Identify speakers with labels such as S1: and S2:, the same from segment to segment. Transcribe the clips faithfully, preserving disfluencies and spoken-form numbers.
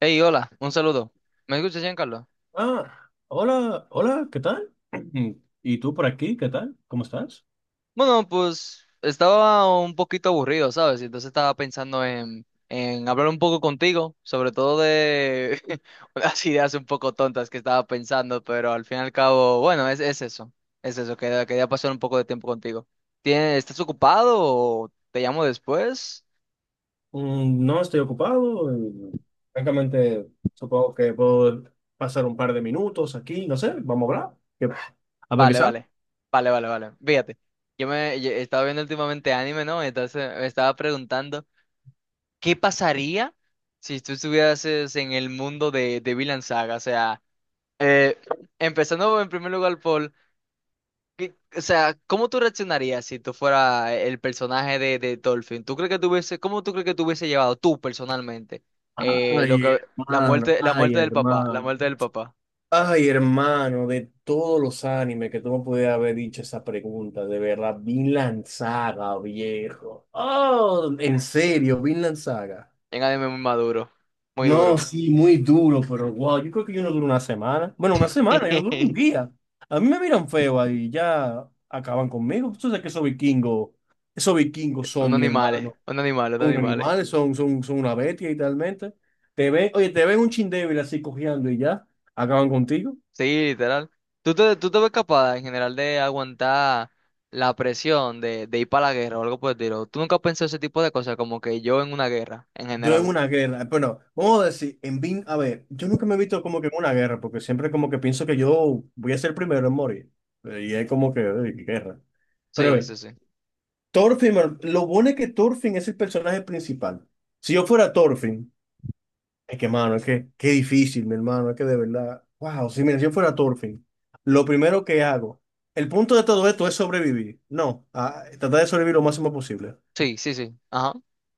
S1: Hey, hola, un saludo. ¿Me escuchas, Giancarlo?
S2: Ah, hola, hola, ¿qué tal? Mm, ¿Y tú por aquí? ¿Qué tal? ¿Cómo estás?
S1: Bueno, pues estaba un poquito aburrido, ¿sabes? Y entonces estaba pensando en, en hablar un poco contigo, sobre todo de unas ideas un poco tontas que estaba pensando, pero al fin y al cabo, bueno, es, es eso, es eso, quería, quería pasar un poco de tiempo contigo. ¿Tienes, estás ocupado o te llamo después?
S2: Mm, no estoy ocupado, eh, francamente, supongo que puedo pasar un par de minutos aquí, no sé, vamos a hablar. que- A ver qué
S1: Vale,
S2: sale.
S1: vale, vale, vale, vale. Fíjate, yo me yo estaba viendo últimamente anime, ¿no? Entonces me estaba preguntando. ¿Qué pasaría si tú estuvieras es, en el mundo de, de Vinland Saga? O sea, eh, empezando en primer lugar por ¿qué- o sea, ¿cómo tú reaccionarías si tú fueras el personaje de, de Dolphin? ¿Tú crees que tuviese, cómo tú crees que te hubiese llevado tú personalmente eh, lo
S2: Ay,
S1: que la
S2: hermano,
S1: muerte, la
S2: ay,
S1: muerte del papá, la
S2: hermano.
S1: muerte del papá
S2: Ay, hermano, de todos los animes que tú me pudieras haber dicho esa pregunta, de verdad, Vinland Saga, viejo. Oh, en serio, Vinland Saga.
S1: en anime muy maduro, muy
S2: No,
S1: duro.
S2: sí, muy duro, pero wow, yo creo que yo no duro una semana. Bueno, una semana, yo no duro un día. A mí me miran feo ahí, y ya acaban conmigo. Tú sabes que esos vikingos, esos vikingos
S1: Un
S2: son mi
S1: animal, eh,
S2: hermano,
S1: un animal, un
S2: son
S1: animal. eh.
S2: animales, son, son, son una bestia literalmente. Te ven, oye, te ven un chin débil así cojeando y ya, acaban contigo.
S1: Sí, literal. ¿Tú te, tú te ves capaz en general de aguantar la presión de, de ir para la guerra o algo por el estilo? ¿Tú nunca has pensado ese tipo de cosas como que yo en una guerra en
S2: Yo en
S1: general?
S2: una guerra, bueno, vamos a decir, en Bin, a ver, yo nunca me he visto como que en una guerra, porque siempre como que pienso que yo voy a ser el primero en morir. Eh, Y es como que, eh, guerra. Pero a
S1: Sí,
S2: ver,
S1: sí, sí.
S2: Thorfinn, mano, lo bueno es que Thorfinn es el personaje principal. Si yo fuera Thorfinn, es que, mano, es que, qué difícil, mi hermano, es que de verdad, wow, si mira, si yo fuera Thorfinn, lo primero que hago, el punto de todo esto es sobrevivir, no, ah, tratar de sobrevivir lo máximo posible.
S1: Sí, sí, sí. Ajá.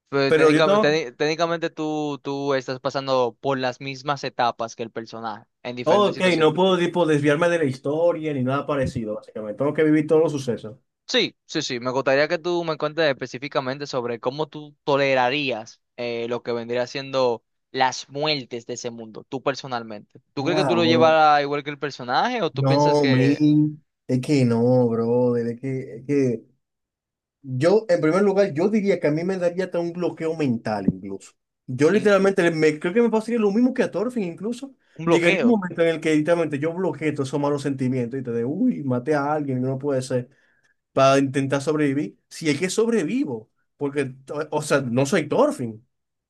S1: Pero
S2: Pero yo
S1: técnicamente,
S2: tengo,
S1: técni- técnicamente tú, tú estás pasando por las mismas etapas que el personaje en
S2: oh,
S1: diferentes
S2: ok, no
S1: situaciones.
S2: puedo, tipo, desviarme de la historia ni nada parecido, básicamente, tengo que vivir todos los sucesos.
S1: Sí, sí, sí. Me gustaría que tú me cuentes específicamente sobre cómo tú tolerarías eh, lo que vendría siendo las muertes de ese mundo, tú personalmente. ¿Tú crees que tú
S2: Wow,
S1: lo
S2: bro.
S1: llevarás igual que el personaje o tú piensas
S2: No,
S1: que
S2: man, es que no, bro, es que, es que yo, en primer lugar, yo diría que a mí me daría hasta un bloqueo mental incluso. Yo
S1: en-
S2: literalmente me, creo que me pasaría lo mismo que a Thorfinn incluso.
S1: un
S2: Llegaría un
S1: bloqueo?
S2: momento en el que literalmente yo bloqueé todos esos malos sentimientos y te de, uy, maté a alguien, no puede ser, para intentar sobrevivir. Si es que sobrevivo, porque, o o sea, no soy Thorfinn.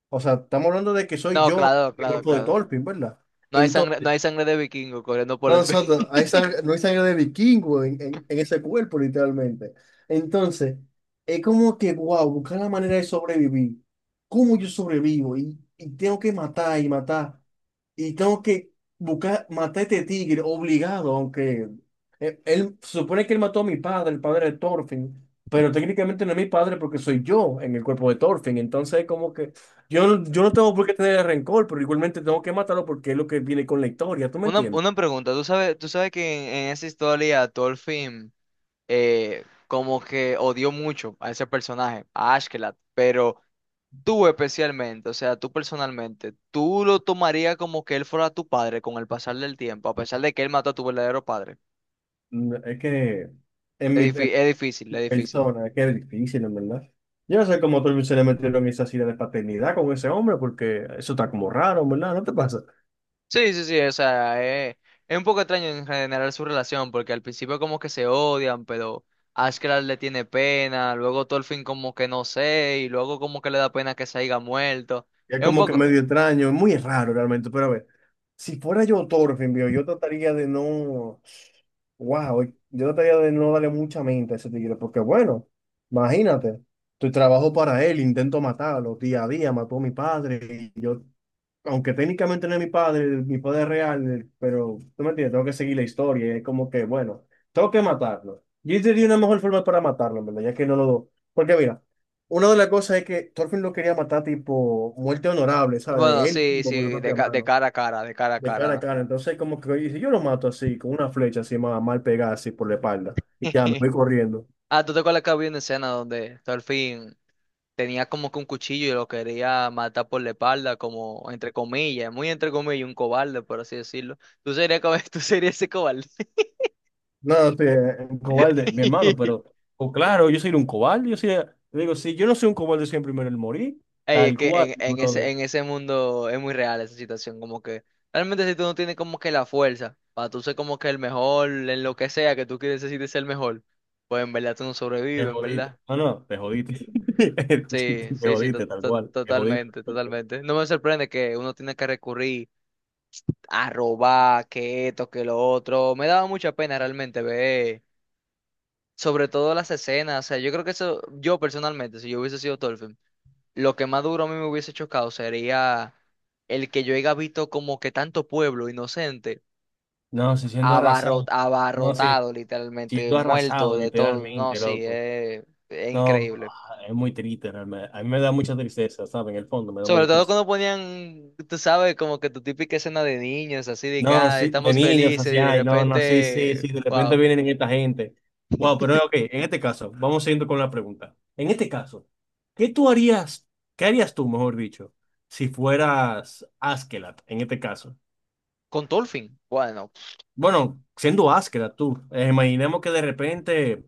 S2: O sea, estamos hablando de que soy
S1: No,
S2: yo,
S1: claro,
S2: el
S1: claro,
S2: cuerpo de
S1: claro.
S2: Thorfinn, ¿verdad?
S1: No hay sangre, no hay sangre de vikingo corriendo por
S2: No,
S1: las venas.
S2: nosotros, hay sangre, no hay sangre de vikingo en, en- en ese cuerpo, literalmente. Entonces, es como que, wow, buscar la manera de sobrevivir. ¿Cómo yo sobrevivo? Y, y tengo que matar y matar. Y tengo que buscar, matar a este tigre, obligado, aunque eh, él, se supone que él mató a mi padre, el padre de Thorfinn, pero técnicamente no es mi padre porque soy yo en el cuerpo de Thorfinn. Entonces, es como que yo, no- yo no tengo por qué tener rencor, pero igualmente tengo que matarlo porque es lo que viene con la historia, ¿tú me
S1: Una,
S2: entiendes?
S1: una pregunta. ¿Tú sabes, tú sabes que en, en esa historia Thorfinn eh, como que odió mucho a ese personaje, a Ashkelat. Pero tú especialmente, o sea, tú personalmente, ¿tú lo tomarías como que él fuera tu padre con el pasar del tiempo, a pesar de que él mató a tu verdadero padre?
S2: No, es que en mi,
S1: Es,
S2: en
S1: difí- es difícil,
S2: mi
S1: es difícil.
S2: persona, es que es difícil, en verdad. Yo no sé cómo otros se le metieron esa silla de paternidad con ese hombre, porque eso está como raro, en ¿verdad? ¿No te pasa?
S1: Sí, sí, sí, o sea, eh, es un poco extraño en general su relación, porque al principio como que se odian, pero Ashcraft le tiene pena, luego Thorfinn como que no sé, y luego como que le da pena que se haya muerto.
S2: Es
S1: Es un
S2: como que
S1: poco,
S2: medio extraño, es muy raro realmente, pero a ver, si fuera yo Thorfinn, viejo, yo trataría de no, wow, yo trataría de no darle mucha mente a ese tigre, porque bueno, imagínate, tu trabajo para él, intento matarlo, día a día, mató a mi padre, y yo aunque técnicamente no es mi padre, mi padre real, pero tú me entiendes, tengo que seguir la historia. Y es como que, bueno, tengo que matarlo. Yo sería una mejor forma para matarlo, en ¿verdad? Ya que no lo. Porque mira, una de las cosas es que Thorfinn lo quería matar, tipo, muerte honorable, ¿sabes?
S1: bueno,
S2: De él
S1: sí,
S2: mismo con su
S1: sí, de,
S2: propia
S1: ca- de
S2: mano,
S1: cara a cara, de cara a
S2: de
S1: cara,
S2: cara a
S1: ¿no?
S2: cara. Entonces, como que, oye, si yo lo mato así, con una flecha así, más mal pegada, así por la espalda, y ya me voy corriendo.
S1: Ah, ¿tú te acuerdas que había una escena donde Thorfinn tenía como que un cuchillo y lo quería matar por la espalda, como entre comillas, muy entre comillas, un cobarde, por así decirlo? Tú serías, co- tú serías ese cobarde.
S2: No, sí, un cobarde, mi hermano, pero o claro, yo soy un cobarde, yo soy, te digo, si yo no soy un cobarde, soy el primero en morir,
S1: Ey, es
S2: tal
S1: que
S2: cual,
S1: en, en ese,
S2: brother,
S1: en ese mundo es muy real esa situación, como que realmente si tú no tienes como que la fuerza para tú ser como que el mejor en lo que sea que tú quieres necesites ser el mejor, pues en verdad tú no
S2: te
S1: sobrevives, en
S2: jodiste.
S1: verdad.
S2: No, no, te jodiste.
S1: Sí,
S2: Te
S1: sí, sí, to-
S2: jodiste, tal
S1: to-
S2: cual, te jodiste.
S1: totalmente, totalmente. No me sorprende que uno tiene que recurrir a robar, que esto, que lo otro. Me daba mucha pena realmente ver, sobre todo las escenas. O sea, yo creo que eso, yo personalmente, si yo hubiese sido Thorfinn, lo que más duro a mí me hubiese chocado sería el que yo haya visto como que tanto pueblo inocente
S2: No, sí, siendo
S1: abarro-
S2: arrasado. No, sí,
S1: abarrotado, literalmente,
S2: siendo
S1: muerto
S2: arrasado,
S1: de todo. No,
S2: literalmente,
S1: sí,
S2: loco.
S1: es, es
S2: No,
S1: increíble.
S2: ah, es muy triste, realmente. A mí me da mucha tristeza, ¿sabes? En el fondo, me da
S1: Sobre
S2: mucha
S1: todo
S2: tristeza.
S1: cuando ponían, tú sabes, como que tu típica escena de niños, así de que
S2: No,
S1: ah,
S2: sí, de
S1: estamos
S2: niños,
S1: felices y
S2: así,
S1: de
S2: ay, no, no, sí, sí,
S1: repente,
S2: sí, de repente
S1: wow.
S2: vienen esta gente. Wow, pero ok, en este caso, vamos siguiendo con la pregunta. En este caso, ¿qué tú harías, qué harías tú, mejor dicho, si fueras Askeladd, en este caso?
S1: Con Tolfin. Bueno,
S2: Bueno, siendo Askeladd tú, eh, imaginemos que de repente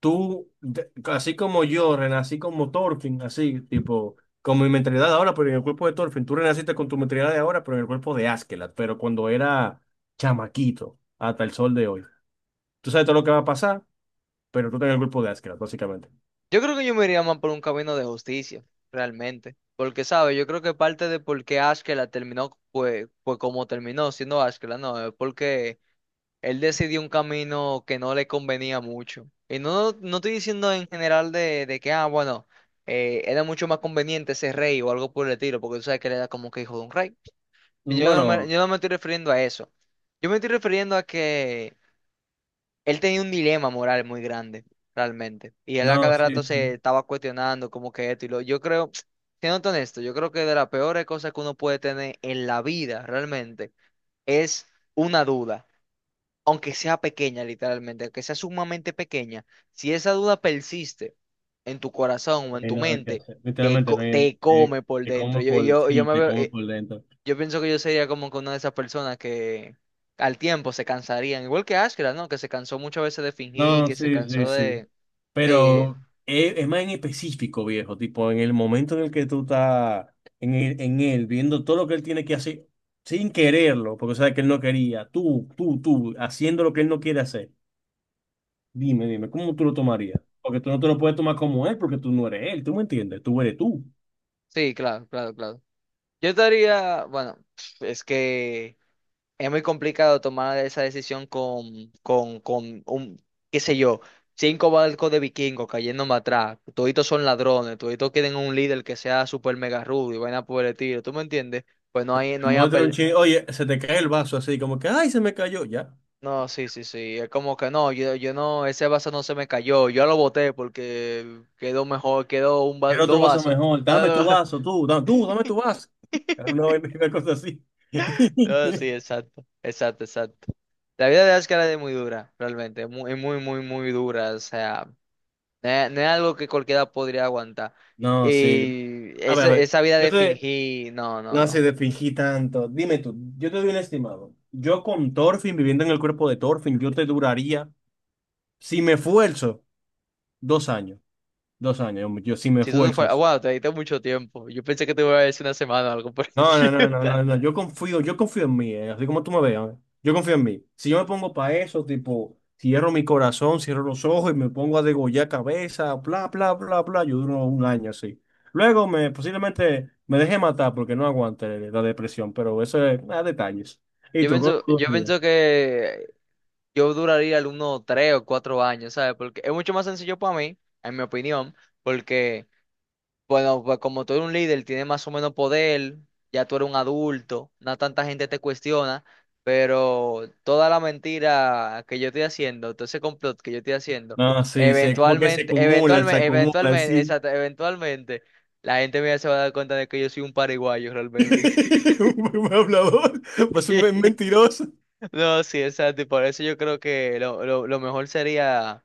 S2: tú, de- así como yo, renací como Thorfinn, así, tipo, con mi mentalidad de ahora, pero en el cuerpo de Thorfinn. Tú renaciste con tu mentalidad de ahora, pero en el cuerpo de Askeladd, pero cuando era chamaquito, hasta el sol de hoy. Tú sabes todo lo que va a pasar, pero tú estás en el cuerpo de Askeladd, básicamente.
S1: yo creo que yo me iría más por un camino de justicia, realmente. Porque, ¿sabes? Yo creo que parte de por qué Ashkela terminó, pues, pues como terminó siendo Ashkela, no, es porque él decidió un camino que no le convenía mucho. Y no, no estoy diciendo en general de, de que, ah, bueno, eh, era mucho más conveniente ser rey o algo por el estilo, porque tú sabes que él era como que hijo de un rey. Y Yo no me,
S2: Bueno,
S1: yo no me estoy refiriendo a eso. Yo me estoy refiriendo a que Él tenía un dilema moral muy grande, realmente. Y él a
S2: no,
S1: cada
S2: sí,
S1: rato
S2: sí.
S1: se estaba cuestionando como que esto y lo. Yo creo, siendo honesto, yo creo que de las peores cosas que uno puede tener en la vida, realmente, es una duda. Aunque sea pequeña, literalmente, aunque sea sumamente pequeña, si esa duda persiste en tu corazón o
S2: No
S1: en
S2: hay
S1: tu
S2: nada que
S1: mente,
S2: hacer.
S1: te,
S2: Literalmente no
S1: co-
S2: hay.
S1: te
S2: Eh,
S1: come por
S2: te
S1: dentro.
S2: como
S1: Yo,
S2: por
S1: yo, yo
S2: sí,
S1: me
S2: te
S1: veo,
S2: como
S1: eh,
S2: por dentro.
S1: yo pienso que yo sería como que una de esas personas que al tiempo se cansarían, igual que Ashkra, ¿no? Que se cansó muchas veces de fingir,
S2: No,
S1: que se
S2: sí, sí,
S1: cansó
S2: sí.
S1: de... Sí,
S2: Pero es, es más en específico, viejo, tipo en el momento en el que tú estás en él, en él, viendo todo lo que él tiene que hacer sin quererlo, porque sabes que él no quería, tú, tú, tú, haciendo lo que él no quiere hacer. Dime, dime, ¿cómo tú lo tomarías? Porque tú no te lo puedes tomar como él, porque tú no eres él, ¿tú me entiendes? Tú eres tú.
S1: sí, claro, claro, claro. Yo estaría, bueno, es que es muy complicado tomar esa decisión con, con, con un, qué sé yo, cinco barcos de vikingos cayéndome atrás, toditos son ladrones, toditos quieren un líder que sea super mega rudo y vaina por el estilo, ¿tú me entiendes? Pues no hay, no hay,
S2: Muestra un
S1: apel-
S2: ching, oye, se te cae el vaso así, como que, ay, se me cayó, ya.
S1: No, sí, sí, sí. Es como que no, yo, yo no, ese vaso no se me cayó. Yo lo boté porque quedó mejor, quedó un va-
S2: Quiero otro
S1: dos
S2: vaso
S1: vasos.
S2: mejor, dame
S1: Ah,
S2: tu
S1: no,
S2: vaso, tú, da- tú, dame tu vaso. Era Una vaina- una cosa así.
S1: no, no, sí, exacto, exacto, exacto. La vida de Ascar es muy dura, realmente. Es muy, muy, muy, muy dura. O sea, no es, no es algo que cualquiera podría aguantar.
S2: No, sí,
S1: Y
S2: a ver, a
S1: esa,
S2: ver,
S1: esa vida
S2: yo
S1: de
S2: te...
S1: fingir, no, no,
S2: No sé,
S1: no.
S2: te fingí tanto. Dime tú, yo te doy un estimado. Yo con Thorfinn, viviendo en el cuerpo de Thorfinn, yo te duraría, si me esfuerzo, dos años. Dos años, yo, si me
S1: Si tú te
S2: esfuerzo.
S1: fueras, wow, te diste mucho tiempo. Yo pensé que te iba a decir una semana o algo por el
S2: No, no,
S1: estilo.
S2: no, no, no, no, yo confío, yo confío en mí, eh, así como tú me veas, eh. yo confío en mí. Si yo me pongo para eso, tipo, cierro mi corazón, cierro los ojos y me pongo a degollar cabeza, bla, bla, bla, bla, yo duro un año así. Luego me posiblemente me deje matar porque no aguante la depresión, pero eso es ah, detalles. ¿Y
S1: Yo
S2: tú, cómo
S1: pienso,
S2: tú
S1: yo
S2: ríes?
S1: pienso que yo duraría algunos tres o cuatro años, ¿sabes? Porque es mucho más sencillo para mí, en mi opinión, porque, bueno, pues como tú eres un líder, tienes más o menos poder, ya tú eres un adulto, no tanta gente te cuestiona, pero toda la mentira que yo estoy haciendo, todo ese complot que yo estoy haciendo,
S2: No, sí, sí, como que se
S1: eventualmente,
S2: acumulan, se
S1: eventualmente,
S2: acumulan,
S1: eventualmente,
S2: sí.
S1: exacto, eventualmente, la gente mía se va a dar cuenta de que yo soy un paraguayo realmente.
S2: Un buen hablador, pues un men- mentiroso.
S1: No, sí, exacto, y por eso yo creo que lo, lo, lo mejor sería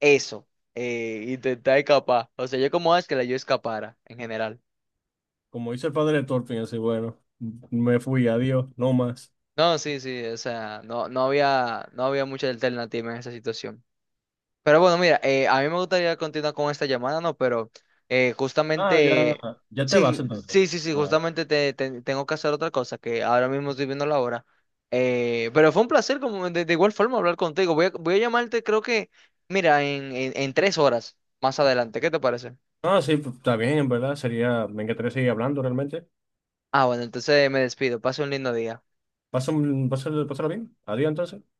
S1: eso, eh, intentar escapar. O sea, yo como es que la yo escapara en general.
S2: Como dice el padre de Thorfinn, así, bueno, me fui, adiós, no más.
S1: No, sí, sí, o sea, no, no había, no había mucha alternativa en esa situación. Pero bueno, mira, eh, a mí me gustaría continuar con esta llamada, ¿no? Pero eh,
S2: Ah, ya,
S1: justamente,
S2: ya te vas
S1: sí,
S2: entonces.
S1: sí, sí, sí,
S2: Ah,
S1: justamente te, te- tengo que hacer otra cosa, que ahora mismo estoy viendo la hora. Eh, pero fue un placer, como de, de igual forma, hablar contigo. Voy a, voy a llamarte, creo que, mira, en, en en tres horas más adelante. ¿Qué te parece?
S2: ah, sí, pues, está bien, en verdad. Sería, me encantaría seguir hablando realmente.
S1: Ah, bueno, entonces me despido. Pase un lindo día.
S2: Pásalo, pásalo, pásalo bien. Adiós entonces.